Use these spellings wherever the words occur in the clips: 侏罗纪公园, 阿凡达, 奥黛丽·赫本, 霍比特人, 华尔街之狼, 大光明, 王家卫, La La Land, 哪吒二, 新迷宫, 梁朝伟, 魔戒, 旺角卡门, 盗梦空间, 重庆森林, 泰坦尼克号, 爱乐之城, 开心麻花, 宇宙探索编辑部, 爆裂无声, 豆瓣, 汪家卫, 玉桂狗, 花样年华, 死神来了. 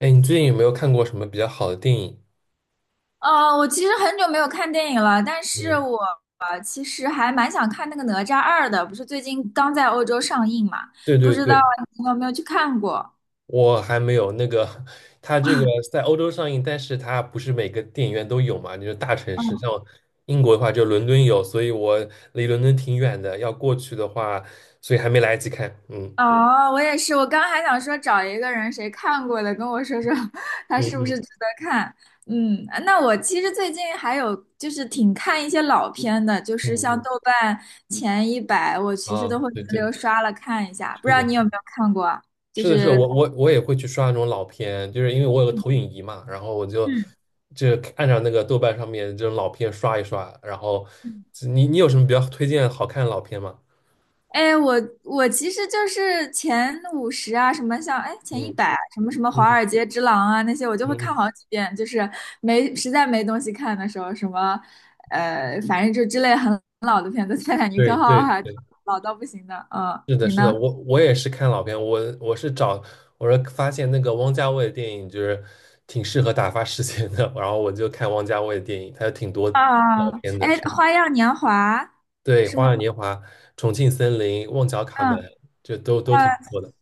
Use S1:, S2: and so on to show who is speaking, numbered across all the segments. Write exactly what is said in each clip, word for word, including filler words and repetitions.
S1: 哎，你最近有没有看过什么比较好的电影？
S2: 呃，我其实很久没有看电影了，但是
S1: 嗯，
S2: 我呃其实还蛮想看那个《哪吒二》的，不是最近刚在欧洲上映嘛？
S1: 对
S2: 不
S1: 对
S2: 知道
S1: 对，
S2: 你有没有去看过？
S1: 我还没有那个，它这个在欧洲上映，但是它不是每个电影院都有嘛，就是大城市，
S2: 嗯。
S1: 像英国的话就伦敦有，所以我离伦敦挺远的，要过去的话，所以还没来得及看。嗯
S2: 哦，我也是，我刚还想说找一个人谁看过的，跟我说说 他
S1: 嗯
S2: 是不是
S1: 嗯
S2: 值得看。嗯，那我其实最近还有就是挺看一些老片的，就是像
S1: 嗯
S2: 豆瓣前一百，我其实
S1: 嗯，啊，
S2: 都会轮
S1: 对对，
S2: 流刷了看一下，不知
S1: 是
S2: 道
S1: 的。
S2: 你有没有看过啊？就
S1: 是的，是的，
S2: 是，
S1: 我我我也会去刷那种老片，就是因为我有个投影仪嘛，然后我就
S2: 嗯。
S1: 就按照那个豆瓣上面这种老片刷一刷，然后你你有什么比较推荐好看的老片吗？
S2: 哎，我我其实就是前五十啊，什么像哎前一
S1: 嗯
S2: 百什么什么《华
S1: 嗯
S2: 尔街之狼》啊那些，我就会看
S1: 嗯，
S2: 好几遍，就是没实在没东西看的时候，什么呃，反正就之类很老的片子，《泰坦尼
S1: 对
S2: 克号》
S1: 对
S2: 还
S1: 对，
S2: 老到不行的。嗯，
S1: 是的，
S2: 你
S1: 是的，
S2: 呢？
S1: 我我也是看老片，我我是找我是发现那个汪家卫的电影就是挺适合打发时间的，然后我就看汪家卫的电影，他有挺多
S2: 啊，
S1: 老片
S2: 哎，
S1: 的，是的，
S2: 《花样年华》
S1: 对，
S2: 是
S1: 《花
S2: 吗？
S1: 样年华》《重庆森林》《旺角卡门》，
S2: 嗯。
S1: 就都都
S2: 呃，
S1: 挺不错的。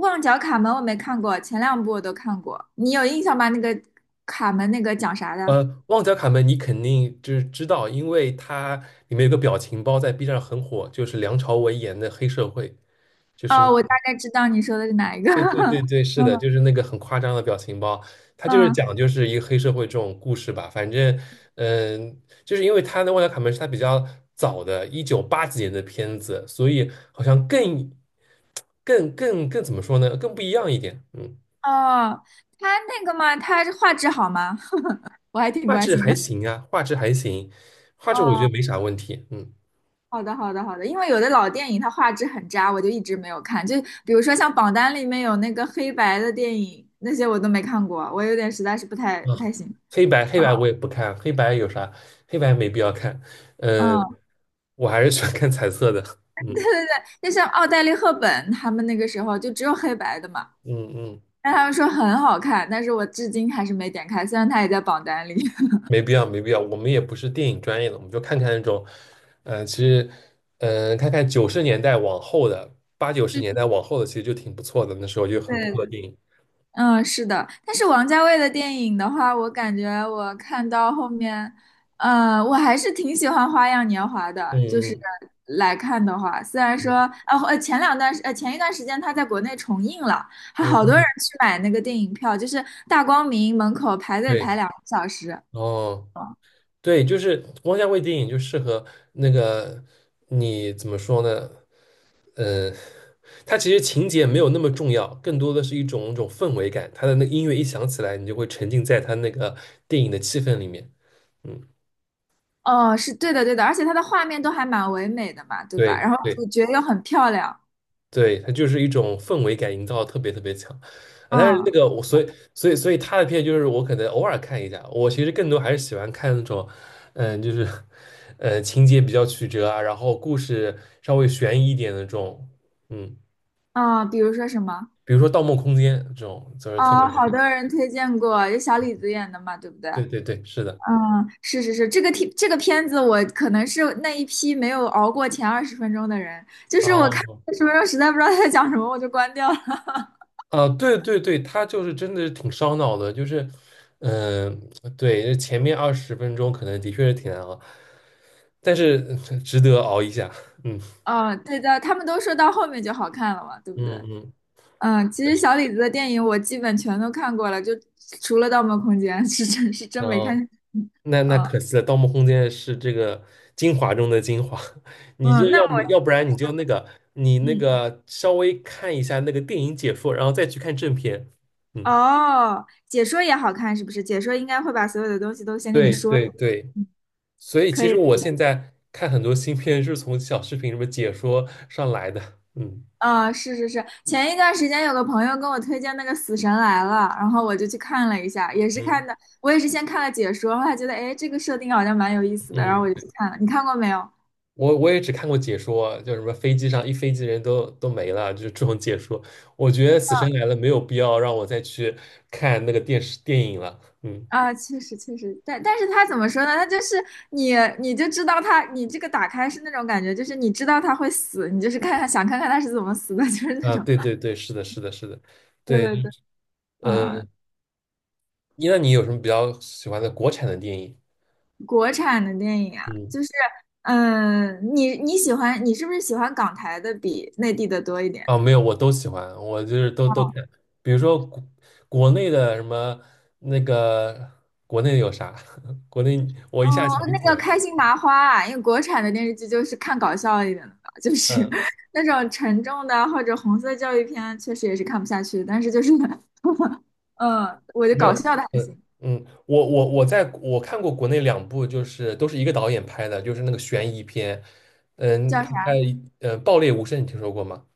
S2: 《旺角卡门》我没看过，前两部我都看过，你有印象吗？那个卡门那个讲啥的？
S1: 呃，旺角卡门你肯定就是知道，因为它里面有个表情包在 B 站很火，就是梁朝伟演的黑社会，就是那
S2: 哦，我大
S1: 个
S2: 概知道你说的是哪一个。
S1: 对对对 对，是
S2: 嗯。
S1: 的，就是那个很夸张的表情包，它就是
S2: 嗯。
S1: 讲就是一个黑社会这种故事吧。反正，嗯、就是因为他的《旺角卡门》是他比较早的，一九八几年的片子，所以好像更更更更怎么说呢，更不一样一点。嗯，
S2: 哦，他那个嘛，他画质好吗？我还挺
S1: 画
S2: 关
S1: 质
S2: 心
S1: 还
S2: 的。
S1: 行啊，画质还行，画质我觉得
S2: 哦，
S1: 没啥问题。嗯。
S2: 好的，好的，好的。因为有的老电影它画质很渣，我就一直没有看。就比如说像榜单里面有那个黑白的电影，那些我都没看过，我有点实在是不太
S1: 啊，
S2: 不太行。
S1: 黑白黑
S2: 哦。
S1: 白我也不看，黑白有啥？黑白没必要看。嗯，
S2: 嗯。
S1: 我还是喜欢看彩色的。
S2: 对
S1: 嗯
S2: 对对，就像奥黛丽·赫本他们那个时候就只有黑白的嘛，
S1: 嗯嗯，
S2: 但他们说很好看，但是我至今还是没点开，虽然它也在榜单里。
S1: 没必要没必要。我们也不是电影专业的，我们就看看那种，嗯，其实，嗯，看看九十年代往后的，八九十年代往后的，其实就挺不错的。那时候就很不错的
S2: 对。
S1: 电影。
S2: 嗯，是的，但是王家卫的电影的话，我感觉我看到后面，呃，我还是挺喜欢《花样年华》的，就是
S1: 嗯
S2: 来看的话，虽然说，
S1: 嗯
S2: 呃，呃前两段时，呃，前一段时间他在国内重映了，还
S1: 嗯
S2: 好
S1: 嗯
S2: 多人
S1: 嗯，
S2: 去买那个电影票，就是大光明门口排队
S1: 对，
S2: 排两个小时。
S1: 哦，
S2: 嗯。
S1: 对，就是汪家卫电影就适合那个你怎么说呢？嗯。它其实情节没有那么重要，更多的是一种一种氛围感。它的那个音乐一响起来，你就会沉浸在它那个电影的气氛里面。嗯，
S2: 哦，是对的，对的，而且它的画面都还蛮唯美的嘛，对吧？
S1: 对
S2: 然后
S1: 对
S2: 主角又很漂亮，
S1: 对，它就是一种氛围感营造得特别特别强啊。但是那
S2: 嗯
S1: 个我所以所以所以他的片就是我可能偶尔看一下，我其实更多还是喜欢看那种，嗯，就是呃情节比较曲折啊，然后故事稍微悬疑一点的这种，嗯，
S2: 嗯，比如说什么？
S1: 比如说《盗梦空间》这种，就是特别
S2: 啊，
S1: 好
S2: 好多
S1: 看。
S2: 人推荐过，有小李子演的嘛，对不对？
S1: 对对对，是的。
S2: 嗯，是是是，这个题这个片子我可能是那一批没有熬过前二十分钟的人，就是我看
S1: 哦，
S2: 二十分钟实在不知道他在讲什么，我就关掉了。
S1: 啊，对对对，他就是真的是挺烧脑的，就是，嗯、对，前面二十分钟可能的确是挺难熬，但是值得熬一下，嗯
S2: 嗯，对的，他们都说到后面就好看了嘛，对不对？
S1: 嗯嗯，
S2: 嗯，其实小李子的电影我基本全都看过了，就除了《盗梦空间》是真是真
S1: 然
S2: 没看。
S1: 后那那
S2: 嗯
S1: 可惜了，《盗梦空间》是这个精华中的精华，你就
S2: 嗯，那
S1: 要不要
S2: 我
S1: 不然你就那个你那
S2: 嗯
S1: 个稍微看一下那个电影解说，然后再去看正片，嗯，
S2: 哦，解说也好看是不是？解说应该会把所有的东西都先跟你
S1: 对
S2: 说。
S1: 对对。
S2: 嗯，
S1: 所以
S2: 可
S1: 其实
S2: 以。
S1: 我现在看很多新片是从小视频什么解说上来的，嗯
S2: 啊，是是是，前一段时间有个朋友跟我推荐那个《死神来了》，然后我就去看了一下，也是
S1: 嗯
S2: 看的，我也是先看了解说，后来觉得哎，这个设定好像蛮有意思的，然后
S1: 嗯，
S2: 我就去看了。你看过没有？
S1: 我我也只看过解说，就什么飞机上一飞机人都都没了，就是这种解说。我觉得《死神来了》没有必要让我再去看那个电视电影了，嗯
S2: 啊，确实确实，但但是他怎么说呢？他就是你你就知道他，你这个打开是那种感觉，就是你知道他会死，你就是看看想看看他是怎么死的，就是那
S1: 啊，
S2: 种。
S1: 对对对，是的，是的，是的，
S2: 对
S1: 对，
S2: 对对，
S1: 呃，
S2: 啊，
S1: 那你有什么比较喜欢的国产的电影？
S2: 国产的电影啊，
S1: 嗯。
S2: 就是。嗯，你你喜欢你是不是喜欢港台的比内地的多一点？
S1: 啊，没有，我都喜欢，我就是都都看，比如说国国内的什么那个国内有啥，国内我
S2: 哦，
S1: 一下想不
S2: 那
S1: 起
S2: 个
S1: 来，
S2: 开心麻花啊，因为国产的电视剧就是看搞笑一点的吧，就是
S1: 嗯，
S2: 那种沉重的或者红色教育片，确实也是看不下去的。但是就是，嗯，我就
S1: 没有，
S2: 搞笑的还
S1: 嗯
S2: 行。
S1: 嗯，我我我在我看过国内两部，就是都是一个导演拍的，就是那个悬疑片，嗯，
S2: 叫
S1: 他拍
S2: 啥？
S1: 呃《爆裂无声》，你听说过吗？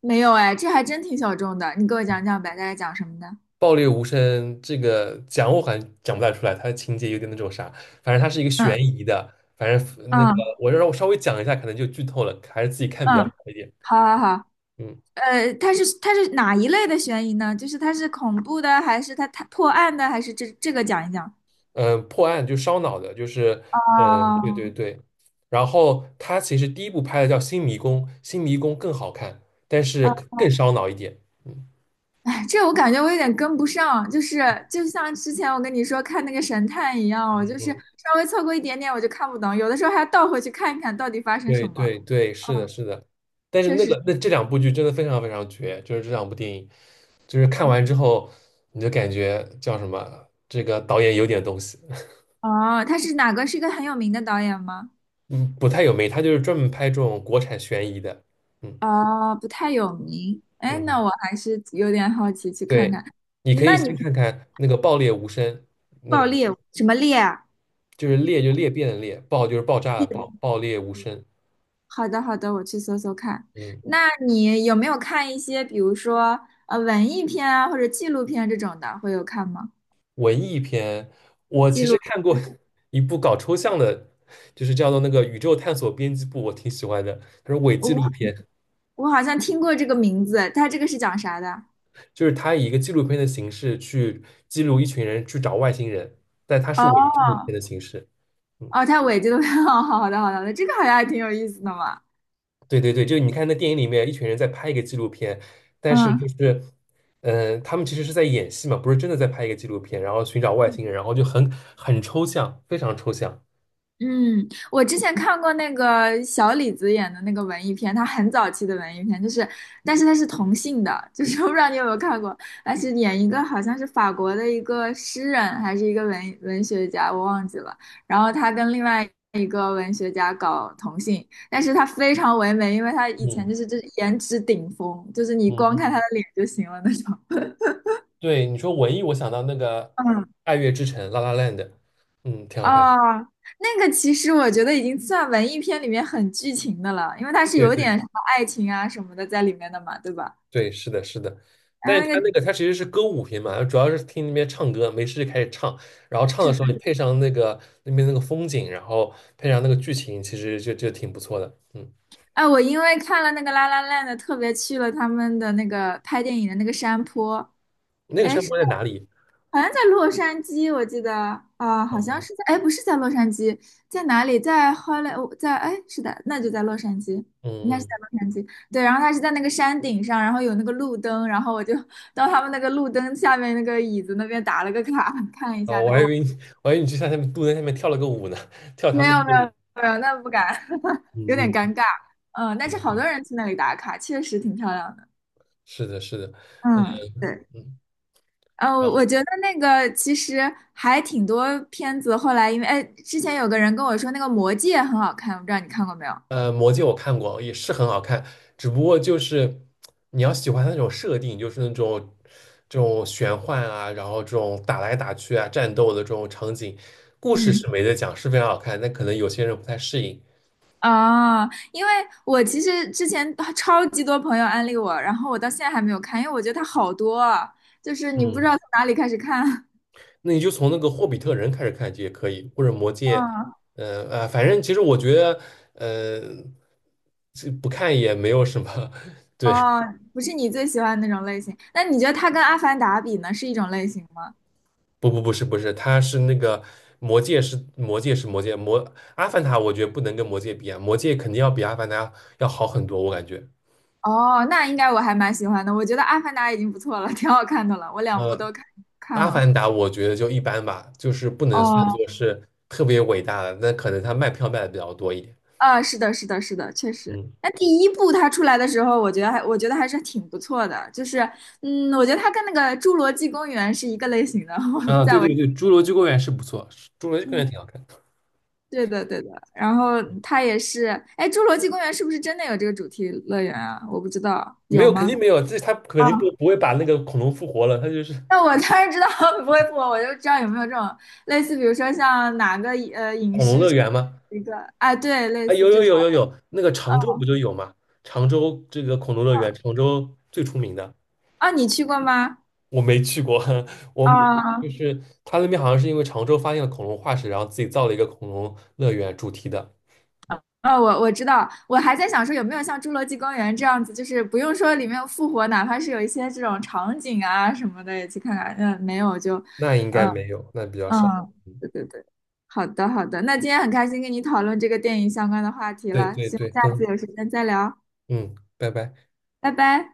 S2: 没有哎，这还真挺小众的。你给我讲讲呗，大概讲什么的？
S1: 爆裂无声这个讲我好像讲不太出来，它的情节有点那种啥，反正它是一个悬
S2: 嗯
S1: 疑的，反正那个
S2: 嗯
S1: 我让我稍微讲一下，可能就剧透了，还是自己看比较好
S2: 嗯，
S1: 一点。
S2: 好好好。
S1: 嗯
S2: 呃，它是它是哪一类的悬疑呢？就是它是恐怖的，还是它它破案的，还是这这个讲一讲？
S1: 嗯，呃破案就烧脑的，就是嗯，呃对对
S2: 哦，
S1: 对。然后他其实第一部拍的叫《新迷宫》，《新迷宫》更好看，但是更烧脑一点。嗯
S2: 这我感觉我有点跟不上，就是就像之前我跟你说看那个神探一样，我就是
S1: 嗯
S2: 稍微错过一点点我就看不懂，有的时候还要倒回去看一看到底发生什
S1: 对
S2: 么。
S1: 对对，是的，
S2: 嗯，
S1: 是的。但是
S2: 确
S1: 那
S2: 实。
S1: 个那这两部剧真的非常非常绝，就是这两部电影，就是看完之后你就感觉叫什么，这个导演有点东西，
S2: 哦，他是哪个？是一个很有名的导演吗？
S1: 嗯，不太有没，他就是专门拍这种国产悬疑的，嗯
S2: 哦，不太有名。哎，
S1: 嗯，
S2: 那我还是有点好奇去看
S1: 对，
S2: 看。
S1: 你可以
S2: 那你
S1: 先看看那个《爆裂无声》，那个
S2: 爆裂什么裂啊？
S1: 就是裂就裂变的裂，爆就是爆炸的爆，爆裂无声，
S2: 好的，好的，我去搜搜看。
S1: 嗯。
S2: 那你有没有看一些，比如说呃文艺片啊，或者纪录片这种的，会有看吗？
S1: 文艺片，我
S2: 记
S1: 其实
S2: 录。
S1: 看过 一部搞抽象的，就是叫做那个《宇宙探索编辑部》，我挺喜欢的。它是伪纪录片，
S2: 我好像听过这个名字，它这个是讲啥的？
S1: 就是它以一个纪录片的形式去记录一群人去找外星人，但它是
S2: 哦。
S1: 伪纪录片的形式。嗯，
S2: 哦，它尾这个，好的好的好的，这个好像还挺有意思的嘛。
S1: 对对对，就是你看那电影里面，一群人在拍一个纪录片，但是
S2: 嗯
S1: 就是，嗯、他们其实是在演戏嘛，不是真的在拍一个纪录片，然后寻找外星人，然后就很很抽象，非常抽象。
S2: 嗯。我之前看过那个小李子演的那个文艺片，他很早期的文艺片，就是，但是他是同性的，就是我不知道你有没有看过，他是演一个好像是法国的一个诗人还是一个文文学家，我忘记了，然后他跟另外一个文学家搞同性，但是他非常唯美，因为他以前
S1: 嗯
S2: 就是就是颜值顶峰，就是你光
S1: 嗯
S2: 看他的脸就行了那种。
S1: 对，你说文艺，我想到那个
S2: 嗯。
S1: 《爱乐之城》La La Land，嗯，挺好看。
S2: 哦，那个其实我觉得已经算文艺片里面很剧情的了，因为它是
S1: 对
S2: 有
S1: 对
S2: 点什么爱情啊什么的在里面的嘛，对吧？
S1: 对，是的，是的。
S2: 然
S1: 但是
S2: 后那
S1: 他
S2: 个，
S1: 那个他其实是歌舞片嘛，主要是听那边唱歌，没事就开始唱，然后唱的时候你配上那个那边那个风景，然后配上那个剧情，其实就就挺不错的。嗯，
S2: 哎，我因为看了那个《La La n d》 特别去了他们的那个拍电影的那个山坡，
S1: 那个
S2: 哎，
S1: 山坡在哪里？
S2: 好像在洛杉矶，我记得啊，好像
S1: 哦，
S2: 是在，哎，不是在洛杉矶，在哪里？在 h o 我在，哎，是的，那就在洛杉矶，
S1: 嗯
S2: 应该是在
S1: 嗯，
S2: 洛杉矶。对，然后他是在那个山顶上，然后有那个路灯，然后我就到他们那个路灯下面那个椅子那边打了个卡，看一
S1: 哦，
S2: 下
S1: 我
S2: 那个
S1: 还以
S2: 网。
S1: 为你我还以为你去下面路在下面跳了个舞呢，跳他
S2: 没
S1: 们
S2: 有，
S1: 的
S2: 没
S1: 舞。
S2: 有，没有，那不敢，有点
S1: 嗯
S2: 尴
S1: 嗯，
S2: 尬。嗯，但是
S1: 对
S2: 好多
S1: 对
S2: 人去那里打卡，确实挺漂亮的。
S1: 是的，是的，嗯
S2: 嗯，
S1: 嗯。
S2: 对。
S1: 嗯
S2: 呃，
S1: 然后。
S2: 我觉得那个其实还挺多片子，后来因为哎，之前有个人跟我说那个《魔戒》很好看，我不知道你看过没有？
S1: 呃，魔戒我看过，也是很好看，只不过就是你要喜欢它那种设定，就是那种这种玄幻啊，然后这种打来打去啊，战斗的这种场景，故事
S2: 嗯，
S1: 是没得讲，是非常好看，但可能有些人不太适应。
S2: 啊，因为我其实之前啊超级多朋友安利我，然后我到现在还没有看，因为我觉得它好多啊，就是你不知道
S1: 嗯，
S2: 从哪里开始看。
S1: 那你就从那个《霍比特人》开始看就也可以，或者《魔戒》
S2: 嗯，
S1: 呃，呃反正其实我觉得，呃，这不看也没有什么，对。
S2: 哦，不是你最喜欢的那种类型，那你觉得它跟《阿凡达》比呢，是一种类型吗？
S1: 不不不是不是，他是那个魔戒是魔戒是魔戒魔阿凡达，我觉得不能跟魔戒比啊，魔戒肯定要比阿凡达要好很多，我感觉。
S2: 哦，那应该我还蛮喜欢的，我觉得《阿凡达》已经不错了，挺好看的了，我两部
S1: 呃，
S2: 都看看
S1: 阿
S2: 了。
S1: 凡达我觉得就一般吧，就是不能算
S2: 哦，
S1: 作是特别伟大的，那可能他卖票卖的比较多一点。
S2: 啊，是的，是的，是的，确实。
S1: 嗯，
S2: 那第一部它出来的时候，我觉得还我觉得还是挺不错的，就是嗯，我觉得它跟那个《侏罗纪公园》是一个类型的。
S1: 啊，对
S2: 在我
S1: 对对，《侏罗纪公园》是不错，侏罗纪公园
S2: 嗯。
S1: 挺好看的
S2: 对的，对的。然后它也是，哎，《侏罗纪公园》是不是真的有这个主题乐园啊？我不知道，
S1: 没
S2: 有
S1: 有肯
S2: 吗？
S1: 定没有，这他肯
S2: 啊，
S1: 定不不会把那个恐龙复活了，他就是
S2: 那我当然知道 不会不，我就知道有没有这种类似，比如说像哪个呃影
S1: 恐龙
S2: 视
S1: 乐
S2: 产
S1: 园嘛。
S2: 一个，哎，对，类
S1: 哎，有
S2: 似这
S1: 有有
S2: 种。
S1: 有有，那个常州
S2: 嗯
S1: 不就有吗？常州这个恐龙乐园，常州最出名的，
S2: 啊，你去过吗？
S1: 我没去过。我们就
S2: 啊。
S1: 是他那边好像是因为常州发现了恐龙化石，然后自己造了一个恐龙乐园主题的，
S2: 哦，我我知道，我还在想说有没有像《侏罗纪公园》这样子，就是不用说里面有复活，哪怕是有一些这种场景啊什么的也去看看。嗯，没有就，
S1: 那应该
S2: 嗯
S1: 没有，那比较
S2: 嗯，
S1: 少。
S2: 对对对，好的好的，那今天很开心跟你讨论这个电影相关的话题
S1: 对
S2: 了，
S1: 对
S2: 希望
S1: 对，
S2: 下次
S1: 嗯
S2: 有时间再聊，
S1: 嗯，拜拜。
S2: 拜拜。